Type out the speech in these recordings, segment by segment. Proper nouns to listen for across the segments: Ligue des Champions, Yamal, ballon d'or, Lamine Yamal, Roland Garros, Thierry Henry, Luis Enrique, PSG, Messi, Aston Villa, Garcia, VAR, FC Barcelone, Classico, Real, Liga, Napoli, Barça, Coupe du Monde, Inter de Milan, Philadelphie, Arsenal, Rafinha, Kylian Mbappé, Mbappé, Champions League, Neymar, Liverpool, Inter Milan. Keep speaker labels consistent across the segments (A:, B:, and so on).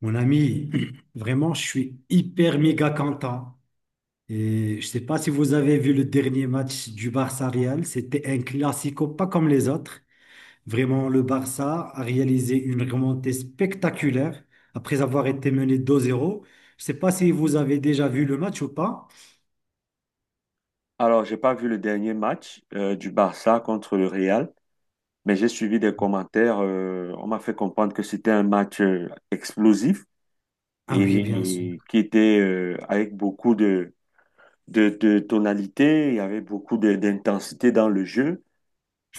A: Mon ami, vraiment, je suis hyper méga content. Et je sais pas si vous avez vu le dernier match du Barça Real. C'était un classico pas comme les autres. Vraiment, le Barça a réalisé une remontée spectaculaire après avoir été mené 2-0. Je sais pas si vous avez déjà vu le match ou pas.
B: Alors, j'ai pas vu le dernier match du Barça contre le Real, mais j'ai suivi des commentaires. On m'a fait comprendre que c'était un match explosif
A: Ah oui, bien sûr.
B: qui était avec beaucoup de tonalité. Il y avait beaucoup d'intensité dans le jeu.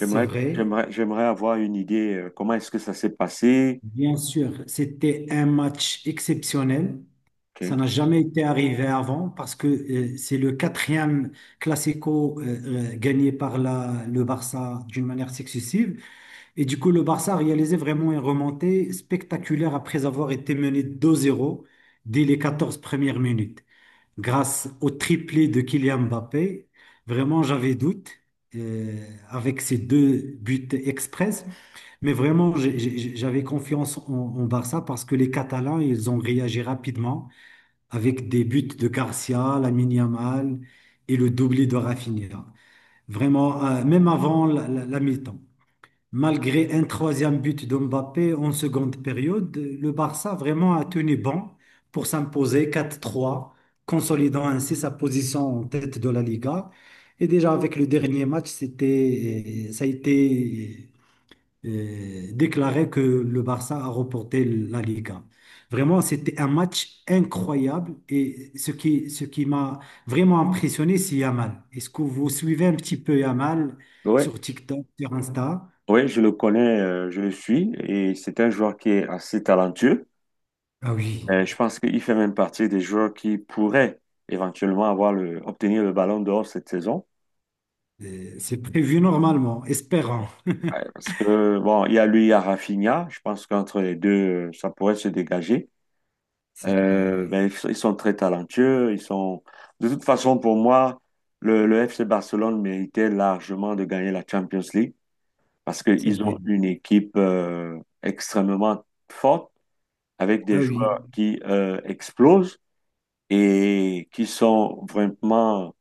A: C'est vrai.
B: J'aimerais avoir une idée comment est-ce que ça s'est passé.
A: Bien sûr, c'était un match exceptionnel.
B: Oui,
A: Ça n'a jamais été arrivé avant parce que c'est le quatrième classico gagné par le Barça d'une manière successive. Et du coup, le Barça a réalisé vraiment une remontée spectaculaire après avoir été mené deux zéro dès les 14 premières minutes. Grâce au triplé de Kylian Mbappé, vraiment, j'avais doute euh, avec ces deux buts express. Mais vraiment, j'avais confiance en Barça parce que les Catalans, ils ont réagi rapidement avec des buts de Garcia, Lamine Yamal et le doublé de Rafinha. Vraiment, même avant la mi-temps. Malgré un troisième but de Mbappé en seconde période, le Barça vraiment a tenu bon pour s'imposer 4-3, consolidant ainsi sa position en tête de la Liga. Et déjà avec le dernier match, ça a été déclarait que le Barça a remporté la Liga. Vraiment, c'était un match incroyable et ce qui m'a vraiment impressionné, c'est Yamal. Est-ce que vous suivez un petit peu Yamal
B: ouais,
A: sur TikTok, sur Insta?
B: ouais, je le connais. Je le suis et c'est un joueur qui est assez talentueux.
A: Ah oui.
B: Je pense qu'il fait même partie des joueurs qui pourraient éventuellement avoir obtenir le ballon d'or cette saison.
A: C'est prévu normalement, espérant.
B: Ouais, parce que, bon, il y a lui, il y a Rafinha. Je pense qu'entre les deux, ça pourrait se dégager.
A: C'est vrai, oui.
B: Mais ils sont très talentueux. Ils sont... De toute façon, pour moi, le FC Barcelone méritait largement de gagner la Champions League parce
A: C'est
B: qu'ils
A: vrai.
B: ont une équipe extrêmement forte avec des
A: Ah oui.
B: joueurs qui explosent et qui sont vraiment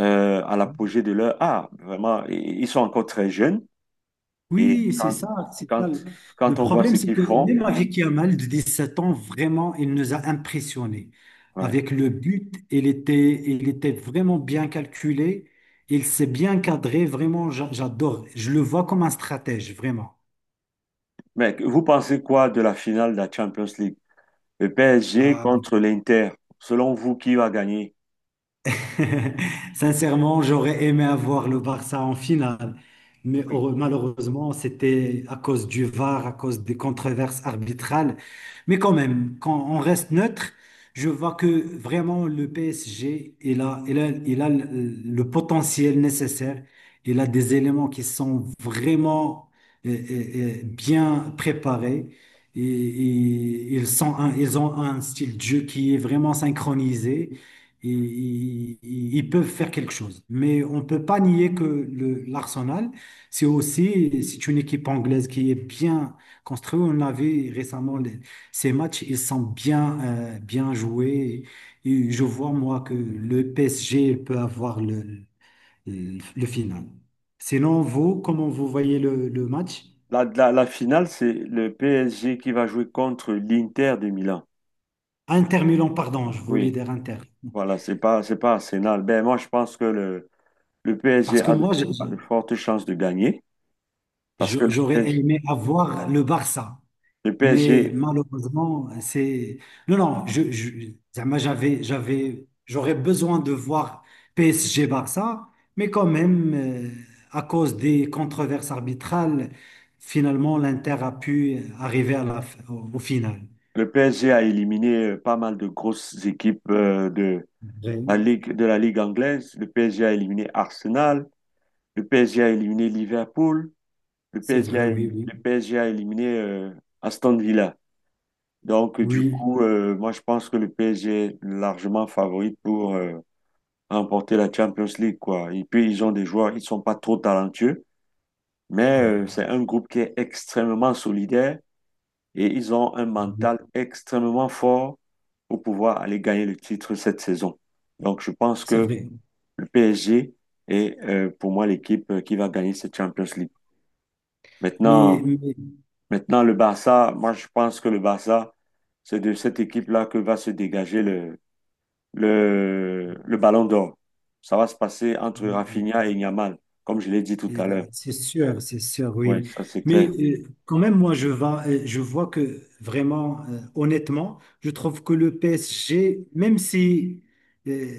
B: à l'apogée de leur art. Vraiment, ils sont encore très jeunes et
A: Oui, c'est ça, c'est ça.
B: quand,
A: Le
B: quand on voit
A: problème,
B: ce
A: c'est
B: qu'ils
A: que
B: font,
A: même avec Yamal, de 17 ans, vraiment, il nous a impressionnés.
B: ouais.
A: Avec le but, il était vraiment bien calculé, il s'est bien cadré, vraiment, j'adore. Je le vois comme un stratège, vraiment.
B: Mais vous pensez quoi de la finale de la Champions League? Le PSG
A: Euh,
B: contre l'Inter. Selon vous, qui va gagner?
A: Sincèrement, j'aurais aimé avoir le Barça en finale, mais
B: Oui.
A: malheureusement, c'était à cause du VAR, à cause des controverses arbitrales. Mais quand même, quand on reste neutre, je vois que vraiment le PSG, il a le potentiel nécessaire. Il a des éléments qui sont vraiment euh, euh, bien préparés. Et ils sont ils ont un style de jeu qui est vraiment synchronisé, ils peuvent faire quelque chose. Mais on ne peut pas nier que l'Arsenal, c'est aussi, c'est une équipe anglaise qui est bien construite. On a vu récemment ces matchs, ils sont bien, bien joués. Et je vois, moi, que le PSG peut avoir le final. Sinon, vous, comment vous voyez le match?
B: La finale, c'est le PSG qui va jouer contre l'Inter de Milan.
A: Inter Milan, pardon, je voulais
B: Oui,
A: dire Inter.
B: voilà, c'est pas Arsenal. Ben, moi, je pense que le PSG
A: Parce que moi,
B: a de fortes chances de gagner parce que le
A: j'aurais
B: PSG,
A: aimé avoir le Barça.
B: le
A: Mais
B: PSG
A: malheureusement, c'est... Non, non, zama, j'aurais besoin de voir PSG-Barça, mais quand même, à cause des controverses arbitrales, finalement, l'Inter a pu arriver à au final.
B: le PSG a éliminé pas mal de grosses équipes
A: Vrai.
B: De la Ligue anglaise. Le PSG a éliminé Arsenal. Le PSG a éliminé Liverpool. Le
A: C'est
B: PSG
A: vrai,
B: a,
A: oui,
B: éli-
A: oui.
B: Le PSG a éliminé Aston Villa. Donc, du
A: Oui,
B: coup, moi, je pense que le PSG est largement favori pour remporter la Champions League, quoi. Et puis, ils ont des joueurs, ils sont pas trop talentueux, mais c'est un groupe qui est extrêmement solidaire. Et ils ont un mental extrêmement fort pour pouvoir aller gagner le titre cette saison. Donc, je pense
A: c'est
B: que
A: vrai.
B: le PSG est pour moi l'équipe qui va gagner cette Champions League.
A: Mais,
B: Maintenant,
A: mais-
B: maintenant, le Barça, moi je pense que le Barça, c'est de cette équipe-là que va se dégager le ballon d'or. Ça va se passer entre Rafinha et Yamal, comme je l'ai dit tout
A: Euh,
B: à l'heure.
A: C'est sûr,
B: Oui,
A: oui.
B: ça c'est
A: Mais
B: clair.
A: quand même, moi, je vois que vraiment, honnêtement, je trouve que le PSG, même si euh,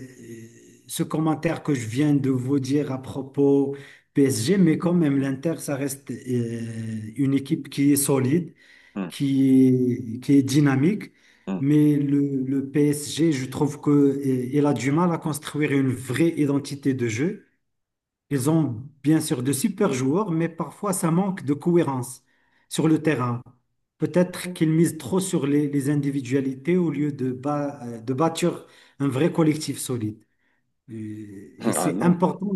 A: ce commentaire que je viens de vous dire à propos PSG, mais quand même, l'Inter, ça reste une équipe qui est solide,
B: Hum,
A: qui est dynamique.
B: hum.
A: Mais le PSG, je trouve que il a du mal à construire une vraie identité de jeu. Ils ont bien sûr de super joueurs, mais parfois ça manque de cohérence sur le terrain. Peut-être qu'ils misent trop sur les individualités au lieu de, de bâtir un vrai collectif solide. Et
B: Ah
A: c'est
B: non.
A: important.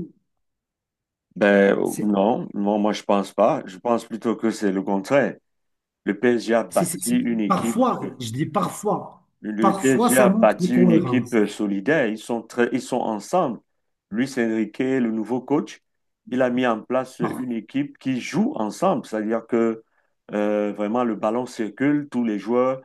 B: Ben
A: C'est,
B: non, non, moi je pense pas. Je pense plutôt que c'est le contraire. Le PSG a
A: c'est- c'est-
B: bâti
A: c'est-
B: une équipe.
A: parfois, je dis parfois,
B: Le
A: parfois
B: PSG
A: ça
B: a
A: manque de
B: bâti une équipe
A: cohérence.
B: solidaire. Ils sont très, ils sont ensemble. Luis Enrique, le nouveau coach, il a mis en place
A: Par-
B: une équipe qui joue ensemble. C'est-à-dire que vraiment le ballon circule, tous les joueurs,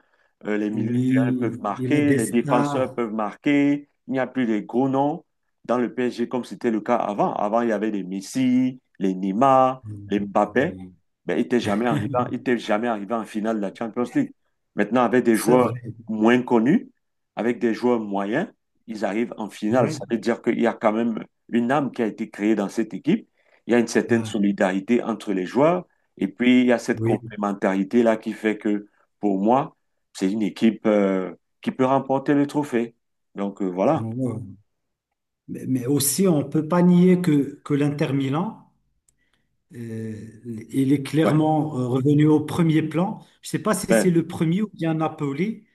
B: les milieux de terrain peuvent
A: Oui, il a
B: marquer,
A: des
B: les défenseurs
A: stars.
B: peuvent marquer. Il n'y a plus de gros noms dans le PSG comme c'était le cas avant. Avant, il y avait les Messi, les Neymar, les Mbappé.
A: Oui,
B: Ben, ils n'étaient jamais arrivés en finale de la Champions League. Maintenant, avec des
A: c'est
B: joueurs
A: vrai.
B: moins connus, avec des joueurs moyens, ils arrivent en finale. Ça
A: Oui.
B: veut dire qu'il y a quand même une âme qui a été créée dans cette équipe. Il y a une certaine
A: Ah,
B: solidarité entre les joueurs. Et puis, il y a cette
A: oui.
B: complémentarité-là qui fait que, pour moi, c'est une équipe qui peut remporter le trophée. Donc, voilà.
A: Oh, wow. Mais aussi, on ne peut pas nier que l'Inter Milan, euh, il est
B: Ouais.
A: clairement revenu au premier plan. Je ne sais pas si c'est
B: Ouais.
A: le premier ou bien Napoli.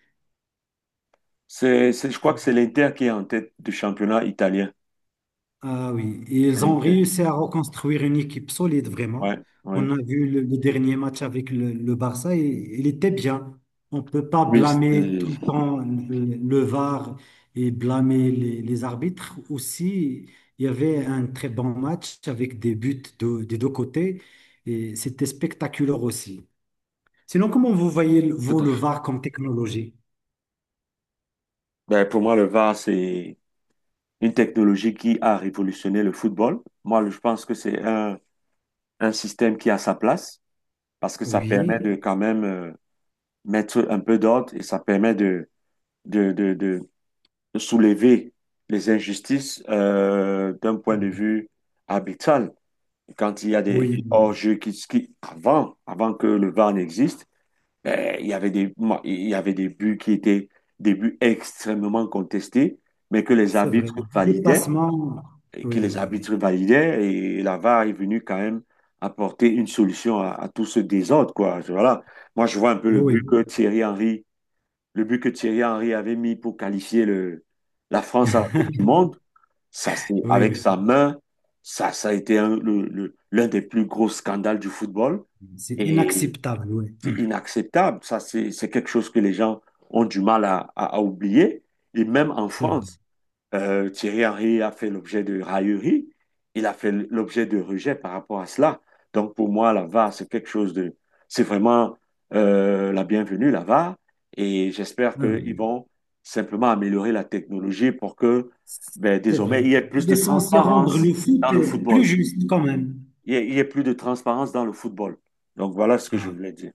B: Je crois que c'est l'Inter qui est en tête du championnat italien.
A: Ah oui, et
B: C'est
A: ils ont
B: l'Inter.
A: réussi à reconstruire une équipe solide, vraiment.
B: Ouais, ouais.
A: On a vu le dernier match avec le Barça, et il était bien. On ne peut pas
B: Oui,
A: blâmer tout le temps le VAR et blâmer les arbitres. Aussi, il y avait un très bon match avec des buts des deux côtés, et c'était spectaculaire aussi. Sinon, comment vous voyez,
B: tout
A: vous,
B: à
A: le
B: fait.
A: VAR comme technologie?
B: Ben, pour moi, le VAR, c'est une technologie qui a révolutionné le football. Moi, je pense que c'est un système qui a sa place parce que ça permet
A: Oui,
B: de quand même mettre un peu d'ordre et ça permet de soulever les injustices d'un point de vue arbitral. Quand il y a des
A: oui,
B: hors-jeux avant, avant que le VAR n'existe, ben, il y avait des buts qui étaient des buts extrêmement contestés, mais que les
A: c'est vrai.
B: arbitres validaient
A: Dépassement,
B: et que
A: oui,
B: les
A: oui, oui.
B: arbitres validaient et la VAR est venue quand même apporter une solution à tout ce désordre, quoi. Je- voilà. Moi, je vois un peu
A: Oui, oui.
B: Le but que Thierry Henry avait mis pour qualifier la France à la Coupe du Monde. Ça, c'est avec
A: Oui,
B: sa main. Ça a été un- le- L'un des plus gros scandales du football
A: c'est
B: et
A: inacceptable, oui.
B: c'est inacceptable. C'est quelque chose que les gens ont du mal à oublier. Et même en
A: C'est vrai.
B: France, Thierry Henry a fait l'objet de railleries, il a fait l'objet de rejets par rapport à cela. Donc pour moi, la VAR, c'est quelque chose de... C'est vraiment la bienvenue, la VAR, et j'espère
A: Ah
B: qu'ils
A: oui,
B: vont simplement améliorer la technologie pour que ben,
A: c'est
B: désormais, il
A: vrai.
B: y ait plus
A: Il est
B: de
A: censé rendre
B: transparence
A: le foot
B: dans le
A: plus
B: football.
A: juste quand même.
B: Il y ait plus de transparence dans le football. Donc voilà ce que je
A: Ah.
B: voulais dire.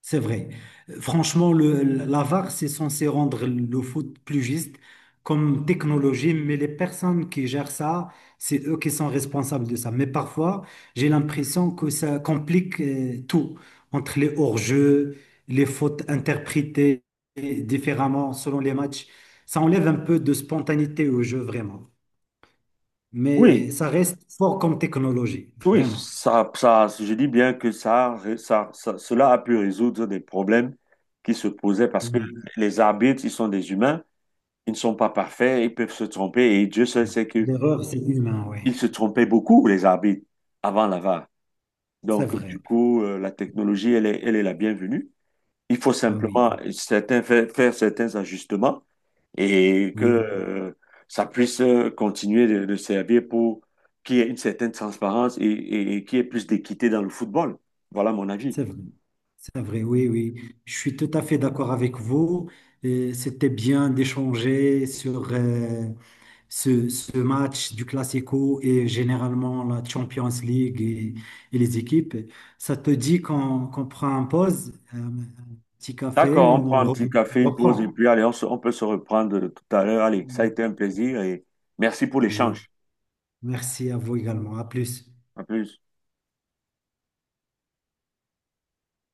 A: C'est vrai. Franchement, la VAR, c'est censé rendre le foot plus juste comme technologie, mais les personnes qui gèrent ça, c'est eux qui sont responsables de ça. Mais parfois, j'ai l'impression que ça complique tout, entre les hors-jeux, les fautes interprétées différemment selon les matchs. Ça enlève un peu de spontanéité au jeu, vraiment. Mais
B: Oui,
A: ça reste fort comme technologie,
B: oui,
A: vraiment.
B: je dis bien que cela a pu résoudre des problèmes qui se posaient parce que
A: Oui.
B: les arbitres, ils sont des humains, ils ne sont pas parfaits, ils peuvent se tromper et Dieu seul sait que
A: L'erreur, c'est humain, oui.
B: ils se trompaient beaucoup, les arbitres, avant la VAR.
A: C'est
B: Donc, du
A: vrai.
B: coup, la technologie, elle est la bienvenue. Il faut
A: Ah oui,
B: simplement certains, faire certains ajustements et
A: oui.
B: que ça puisse continuer de servir pour qu'il y ait une certaine transparence et qu'il y ait plus d'équité dans le football. Voilà mon avis.
A: C'est vrai, c'est vrai, oui, oui. Je suis tout à fait d'accord avec vous. C'était bien d'échanger sur ce, ce match du Classico et généralement la Champions League et les équipes. Ça te dit qu'on prend un pause, un petit café,
B: D'accord, on prend
A: on
B: un petit café, une pause et
A: reprend.
B: puis allez, on peut se reprendre tout à l'heure. Allez, ça a été un plaisir et merci pour
A: Oui.
B: l'échange.
A: Merci à vous également. À plus.
B: À plus.